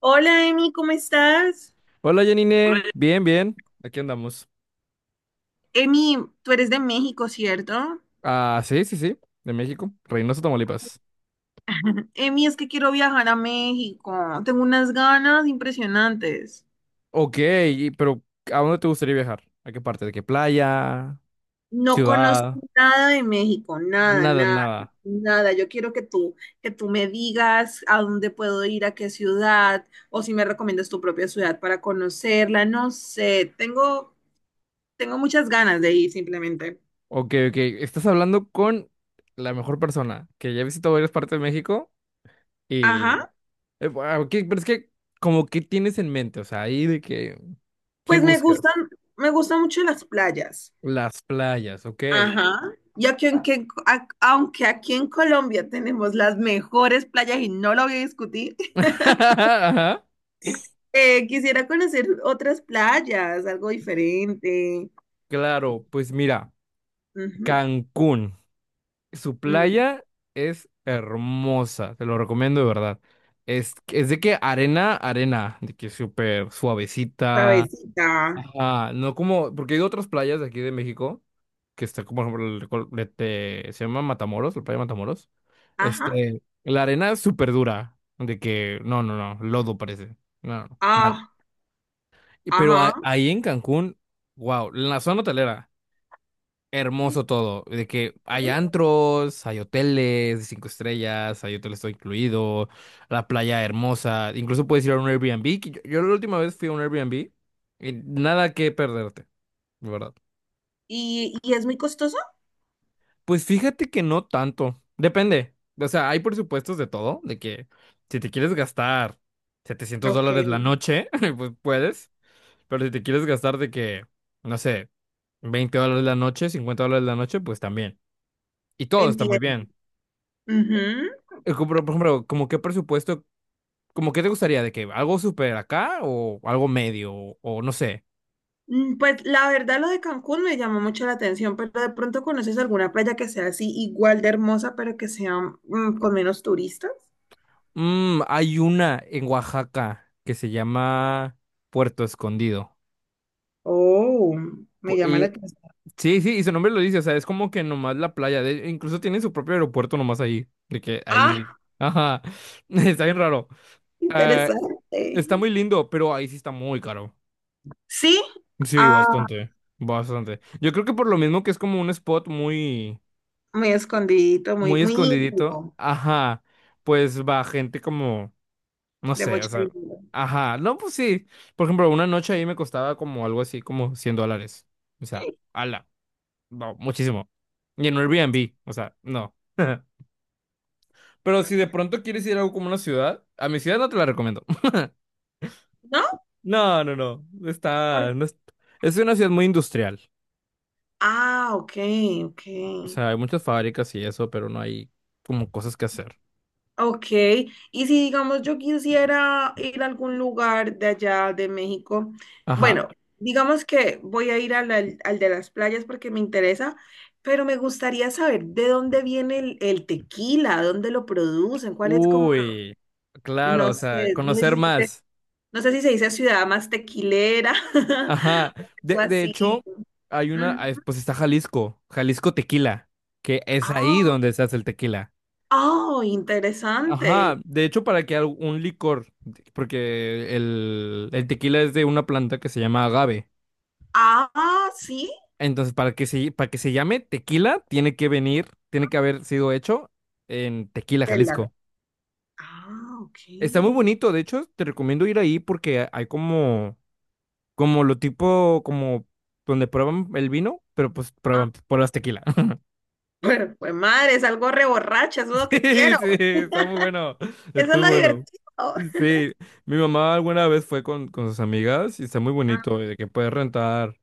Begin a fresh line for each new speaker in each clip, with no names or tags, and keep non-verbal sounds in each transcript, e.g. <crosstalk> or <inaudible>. Hola, Emi, ¿cómo estás?
Hola Janine, bien, bien, aquí andamos.
Emi, tú eres de México, ¿cierto?
Ah, sí, sí, sí, de México, Reynosa, Tamaulipas.
Emi, es que quiero viajar a México. Tengo unas ganas impresionantes.
Ok, pero ¿a dónde te gustaría viajar? ¿A qué parte? ¿De qué playa?
No conozco
¿Ciudad?
nada de México, nada,
Nada,
nada,
nada.
nada. Yo quiero que tú me digas a dónde puedo ir, a qué ciudad, o si me recomiendas tu propia ciudad para conocerla. No sé, tengo muchas ganas de ir simplemente.
Ok, ok, estás hablando con la mejor persona, que ya he visitado varias partes de México y...
Ajá.
bueno, ok, pero es que, como, ¿qué tienes en mente? O sea, ahí de que... ¿Qué
Pues me
buscas?
gustan, me gustan mucho las playas.
Las playas, ok.
Ajá. Y aquí en que- a- aunque aquí en Colombia tenemos las mejores playas y no lo voy a discutir,
<laughs>
<laughs>
Ajá.
quisiera conocer otras playas, algo diferente.
Claro, pues mira,
Ujú,
Cancún. Su
mm,
playa es hermosa, te lo recomiendo de verdad. Es de que arena, arena, de que súper suavecita.
suavecita.
Ajá, no como, porque hay otras playas de aquí de México, que está como, por ejemplo, el col- de- se llama Matamoros, la playa de Matamoros.
Ajá.
Este, la arena es súper dura, de que, no, no, no, lodo parece. No, no, no, mal.
Ah,
Pero
ajá.
ahí en Cancún, wow, en la zona hotelera hermoso todo, de que hay antros, hay hoteles de 5 estrellas, hay hoteles todo incluido, la playa hermosa, incluso puedes ir a un Airbnb, que yo la última vez fui a un Airbnb y nada que perderte, de verdad.
Y es muy costoso?
Pues fíjate que no tanto, depende, o sea, hay presupuestos de todo, de que si te quieres gastar setecientos
Ok,
dólares la noche, <laughs> pues puedes, pero si te quieres gastar de que, no sé, $20 la noche, $50 la noche, pues también. Y todo está muy
entiendo.
bien.
Ujú.
Como por ejemplo, como qué presupuesto, como qué te gustaría de que algo súper acá o algo medio o no sé.
Mm, pues la verdad lo de Cancún me llamó mucho la atención, pero de pronto conoces alguna playa que sea así igual de hermosa, pero que sea con menos turistas.
Hay una en Oaxaca que se llama Puerto Escondido.
Oh, me
Pu-
llama la
Y,
atención.
sí, sí, y su nombre lo dice, o sea, es como que nomás la playa, incluso tiene su propio aeropuerto nomás ahí, de que ahí
Ah,
ajá, <laughs> está bien raro. Eh,
interesante.
está muy lindo, pero ahí sí está muy caro.
Sí,
Sí,
ah,
bastante, bastante. Yo creo que por lo mismo que es como un spot muy...
muy escondidito,
muy
muy
escondidito,
íntimo,
ajá, pues va gente como, no
de
sé, o
mucho
sea,
dinero.
ajá, no, pues sí, por ejemplo, una noche ahí me costaba como algo así como $100, o sea,
Eh,
ala, no, muchísimo, y en un Airbnb, o sea, no. <laughs> Pero si de pronto quieres ir a algo como una ciudad, a mi ciudad no te la recomiendo,
¿No?
<laughs> no, no, no, está,
Por-
no es, es una ciudad muy industrial,
Ah, ok.
o sea, hay muchas fábricas y eso, pero no hay como cosas que hacer,
Ok, y si digamos yo quisiera ir a algún lugar de allá de México,
ajá,
bueno, digamos que voy a ir al de las playas porque me interesa, pero me gustaría saber de dónde viene el tequila, dónde lo producen, cuál es como.
uy, claro,
No
o sea,
sé, no sé
conocer
si se,
más.
no sé si se dice ciudad más tequilera
Ajá.
<laughs> o algo
De
así.
hecho, hay una,
Mm,
pues está Jalisco, Jalisco Tequila, que es ahí donde se hace el tequila.
ah, oh, interesante.
Ajá. De hecho, para que un licor, porque el tequila es de una planta que se llama agave.
Ah, sí.
Entonces, para que se llame tequila, tiene que venir, tiene que haber sido hecho en Tequila,
el la-
Jalisco.
Ah,
Está muy
ok.
bonito, de hecho, te recomiendo ir ahí porque hay como, lo tipo, como donde prueban el vino, pero pues
Ah,
prueban, pruebas tequila. <laughs>
bueno, pues madre, es algo reborracha, es
<laughs>
lo que quiero.
Sí, está muy bueno.
<laughs> Eso
Está
es
muy
lo
bueno.
divertido.
Sí, mi mamá alguna vez fue con sus amigas y está muy
Ah,
bonito, y de que puedes rentar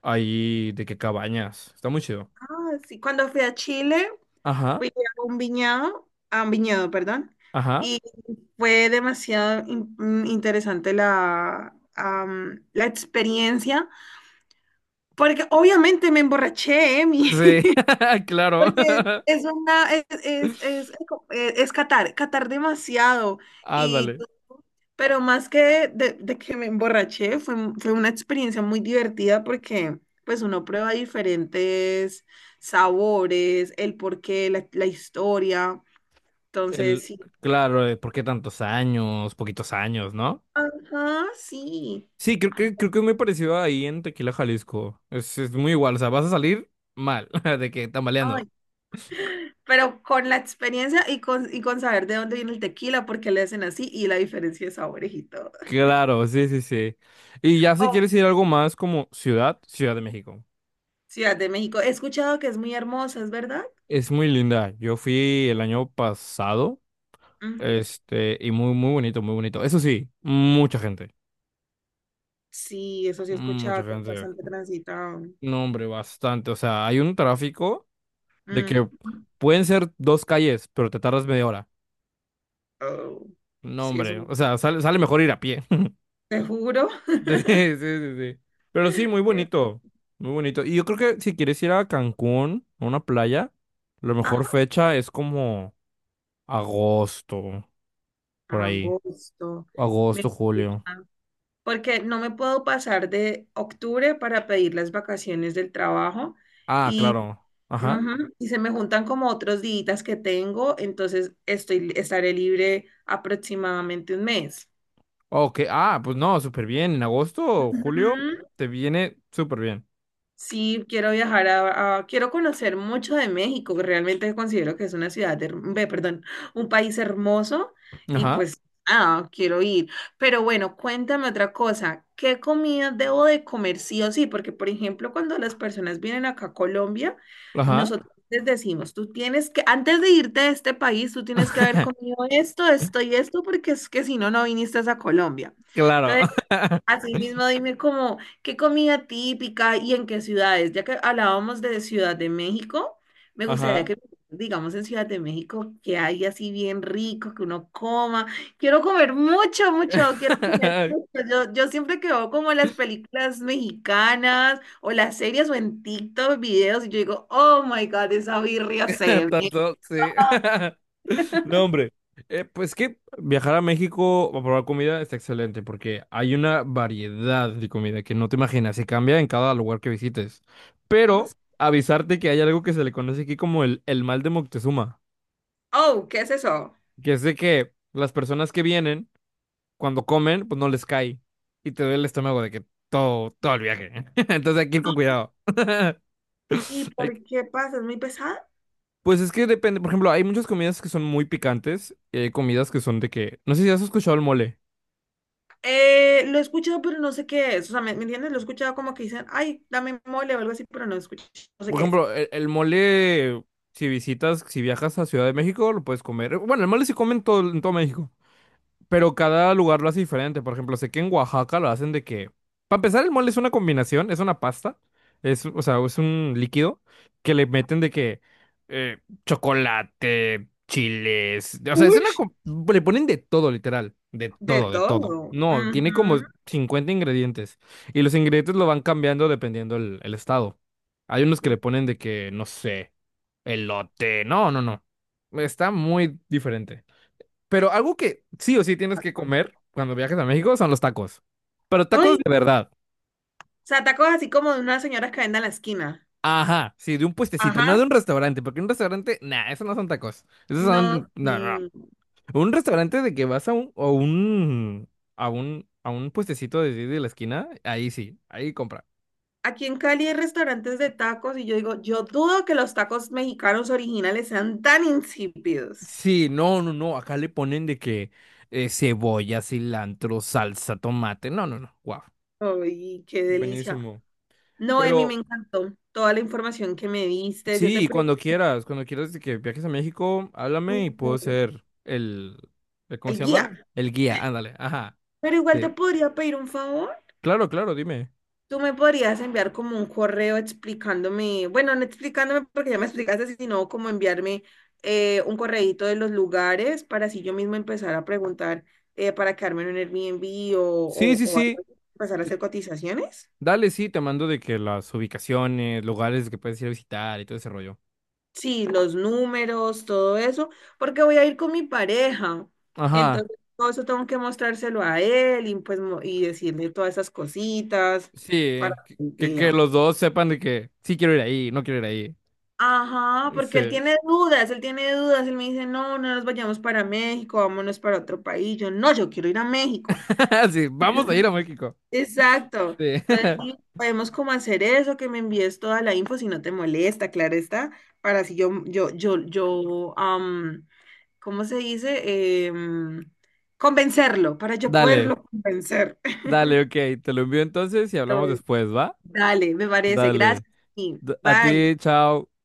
ahí, de que cabañas. Está muy chido.
sí, cuando fui a Chile,
Ajá,
fui a un viñedo, perdón.
ajá.
Fue interesante la experiencia, porque obviamente me emborraché, Emi,
Sí,
<laughs>
<laughs> claro.
porque
<laughs>
es una, es catar demasiado, y,
Ándale.
pero más que de que me emborraché, fue una experiencia muy divertida porque pues uno prueba diferentes sabores, el porqué, la historia,
El,
entonces sí.
claro, de por qué tantos años, poquitos años, ¿no?
Ajá, sí.
Sí, creo que es muy parecido ahí en Tequila, Jalisco. Es muy igual, o sea, vas a salir mal, <laughs> de que tambaleando.
Pero con la experiencia y con saber de dónde viene el tequila, por qué le hacen así y la diferencia de sabores y todo.
Claro, sí, sí, sí. Y ya si
Oh,
quieres ir a algo más como ciudad, Ciudad de México.
Ciudad de México. He escuchado que es muy hermosa, ¿es verdad?
Es muy linda. Yo fui el año pasado,
Ujú.
este, y muy, muy bonito, muy bonito. Eso sí, mucha gente,
Sí, eso sí he
mucha
escuchado, que es
gente.
bastante transitado.
No, hombre, bastante. O sea, hay un tráfico de que
Mm.
pueden ser dos calles, pero te tardas media hora.
Oh,
No,
sí, es
hombre,
un...
o sea, sale mejor ir a pie.
Te juro.
<laughs> Sí, sí, sí, sí. Pero sí, muy
<laughs>
bonito, muy bonito. Y yo creo que si quieres ir a Cancún, a una playa, la mejor
Ajá,
fecha es como agosto, por ahí.
agosto. Me
Agosto, julio.
gusta. Porque no me puedo pasar de octubre para pedir las vacaciones del trabajo
Ah,
y,
claro. Ajá.
ujú, y se me juntan como otros días que tengo, entonces estaré libre aproximadamente un mes.
Ok, ah, pues no, súper bien. En agosto, o julio,
Ujú.
te viene súper bien.
Sí, quiero viajar quiero conocer mucho de México, que realmente considero que es una perdón, un país hermoso y
Ajá,
pues, ah, quiero ir. Pero bueno, cuéntame otra cosa, ¿qué comida debo de comer sí o sí? Porque, por ejemplo, cuando las personas vienen acá a Colombia,
ajá.
nosotros les decimos, tú tienes que, antes de irte de este país, tú tienes que haber
<laughs>
comido esto, esto y esto, porque es que si no, no viniste a Colombia.
Claro.
Entonces,
<laughs>
asimismo, dime como qué comida típica y en qué ciudades. Ya que hablábamos de Ciudad de México, me gustaría
Ajá.
que digamos en Ciudad de México que hay así bien rico, que uno coma. Quiero comer mucho, mucho, quiero comer
<laughs>
mucho. Yo siempre que veo como las películas mexicanas o las series o en TikTok videos y yo digo, oh my God, esa birria se ve.
Tanto, sí. <laughs> No, hombre. Pues que viajar a México a probar comida está excelente porque hay una variedad de comida que no te imaginas y cambia en cada lugar que visites. Pero avisarte que hay algo que se le conoce aquí como el mal de Moctezuma,
Oh, ¿qué es eso?
que es de que las personas que vienen, cuando comen, pues no les cae y te duele el estómago de que todo, todo el viaje. <laughs> Entonces hay que ir con cuidado. <laughs>
¿Y
Hay
por
que-
qué pasa? ¿Es muy pesada?
pues es que depende, por ejemplo, hay muchas comidas que son muy picantes y hay comidas que son de que, no sé si has escuchado el mole.
Lo he escuchado, pero no sé qué es. O sea, ¿me entiendes? Lo he escuchado como que dicen, ay, dame mole o algo así, pero no escucho, no sé
Por
qué es.
ejemplo, el mole, si visitas, si viajas a Ciudad de México, lo puedes comer. Bueno, el mole se come en todo México. Pero cada lugar lo hace diferente. Por ejemplo, sé que en Oaxaca lo hacen de que. Para empezar, el mole es una combinación, es una pasta. Es, o sea, es un líquido que le meten de que eh, chocolate, chiles. O sea, es
Uy.
una. Le ponen de todo, literal. De
De
todo, de todo.
todo.
No, tiene como
Ujú.
50 ingredientes. Y los ingredientes lo van cambiando dependiendo el estado. Hay unos que le
Mm.
ponen de que, no sé, elote. No, no, no. Está muy diferente. Pero algo que sí o sí tienes que comer cuando viajes a México son los tacos. Pero
Ay,
tacos de
o
verdad.
sea, tacos así como de unas señoras que venden a la esquina.
Ajá, sí, de un puestecito, no de
Ajá.
un restaurante, porque un restaurante, nah, esos no son tacos. Esos
No,
son, no, no.
mm,
No. Un restaurante de que vas a un, o un, a un, puestecito de la esquina, ahí sí, ahí compra.
aquí en Cali hay restaurantes de tacos y yo digo, yo dudo que los tacos mexicanos originales sean tan insípidos.
Sí, no, no, no, acá le ponen de que cebolla, cilantro, salsa, tomate. No, no, no, wow.
Ay, qué delicia.
Buenísimo.
No, Emi, me
Pero
encantó toda la información que me diste. Yo te
sí, cuando
pregunto
quieras, cuando quieras de que viajes a México, háblame y puedo ser ¿cómo
el
se
guía.
llama? El guía, ándale, ajá.
Pero igual te
Sí.
podría pedir un favor.
Claro, claro, dime.
Tú me podrías enviar como un correo explicándome, bueno, no explicándome porque ya me explicaste, sino como enviarme un correíto de los lugares para así yo mismo empezar a preguntar para quedarme en un Airbnb
Sí, sí,
o algo
sí.
así, empezar a
te-
hacer cotizaciones.
Dale, sí, te mando de que las ubicaciones, lugares que puedes ir a visitar y todo ese rollo.
Sí, los números, todo eso, porque voy a ir con mi pareja.
Ajá.
Entonces, todo eso tengo que mostrárselo a él y, pues, y decirle todas esas cositas
Sí,
para
que,
que
que- que
vea.
los dos sepan de que sí quiero ir ahí, no quiero ir
Ajá,
ahí.
porque él
Sí.
tiene dudas, él tiene dudas, él me dice, no, no nos vayamos para México, vámonos para otro país. Yo, no, yo quiero ir a México.
<laughs> Sí, vamos a ir
<laughs>
a México.
Exacto.
Sí.
Entonces, sí,
<laughs>
podemos como hacer eso, que me envíes toda la info si no te molesta, claro está, para si am, ¿cómo se dice? Em, convencerlo, para yo
Dale,
poderlo convencer. <laughs>
dale, ok. Te lo envío entonces y hablamos después, ¿va?
Dale, me parece. Gracias.
Dale.
Y
A
bye.
ti, chao.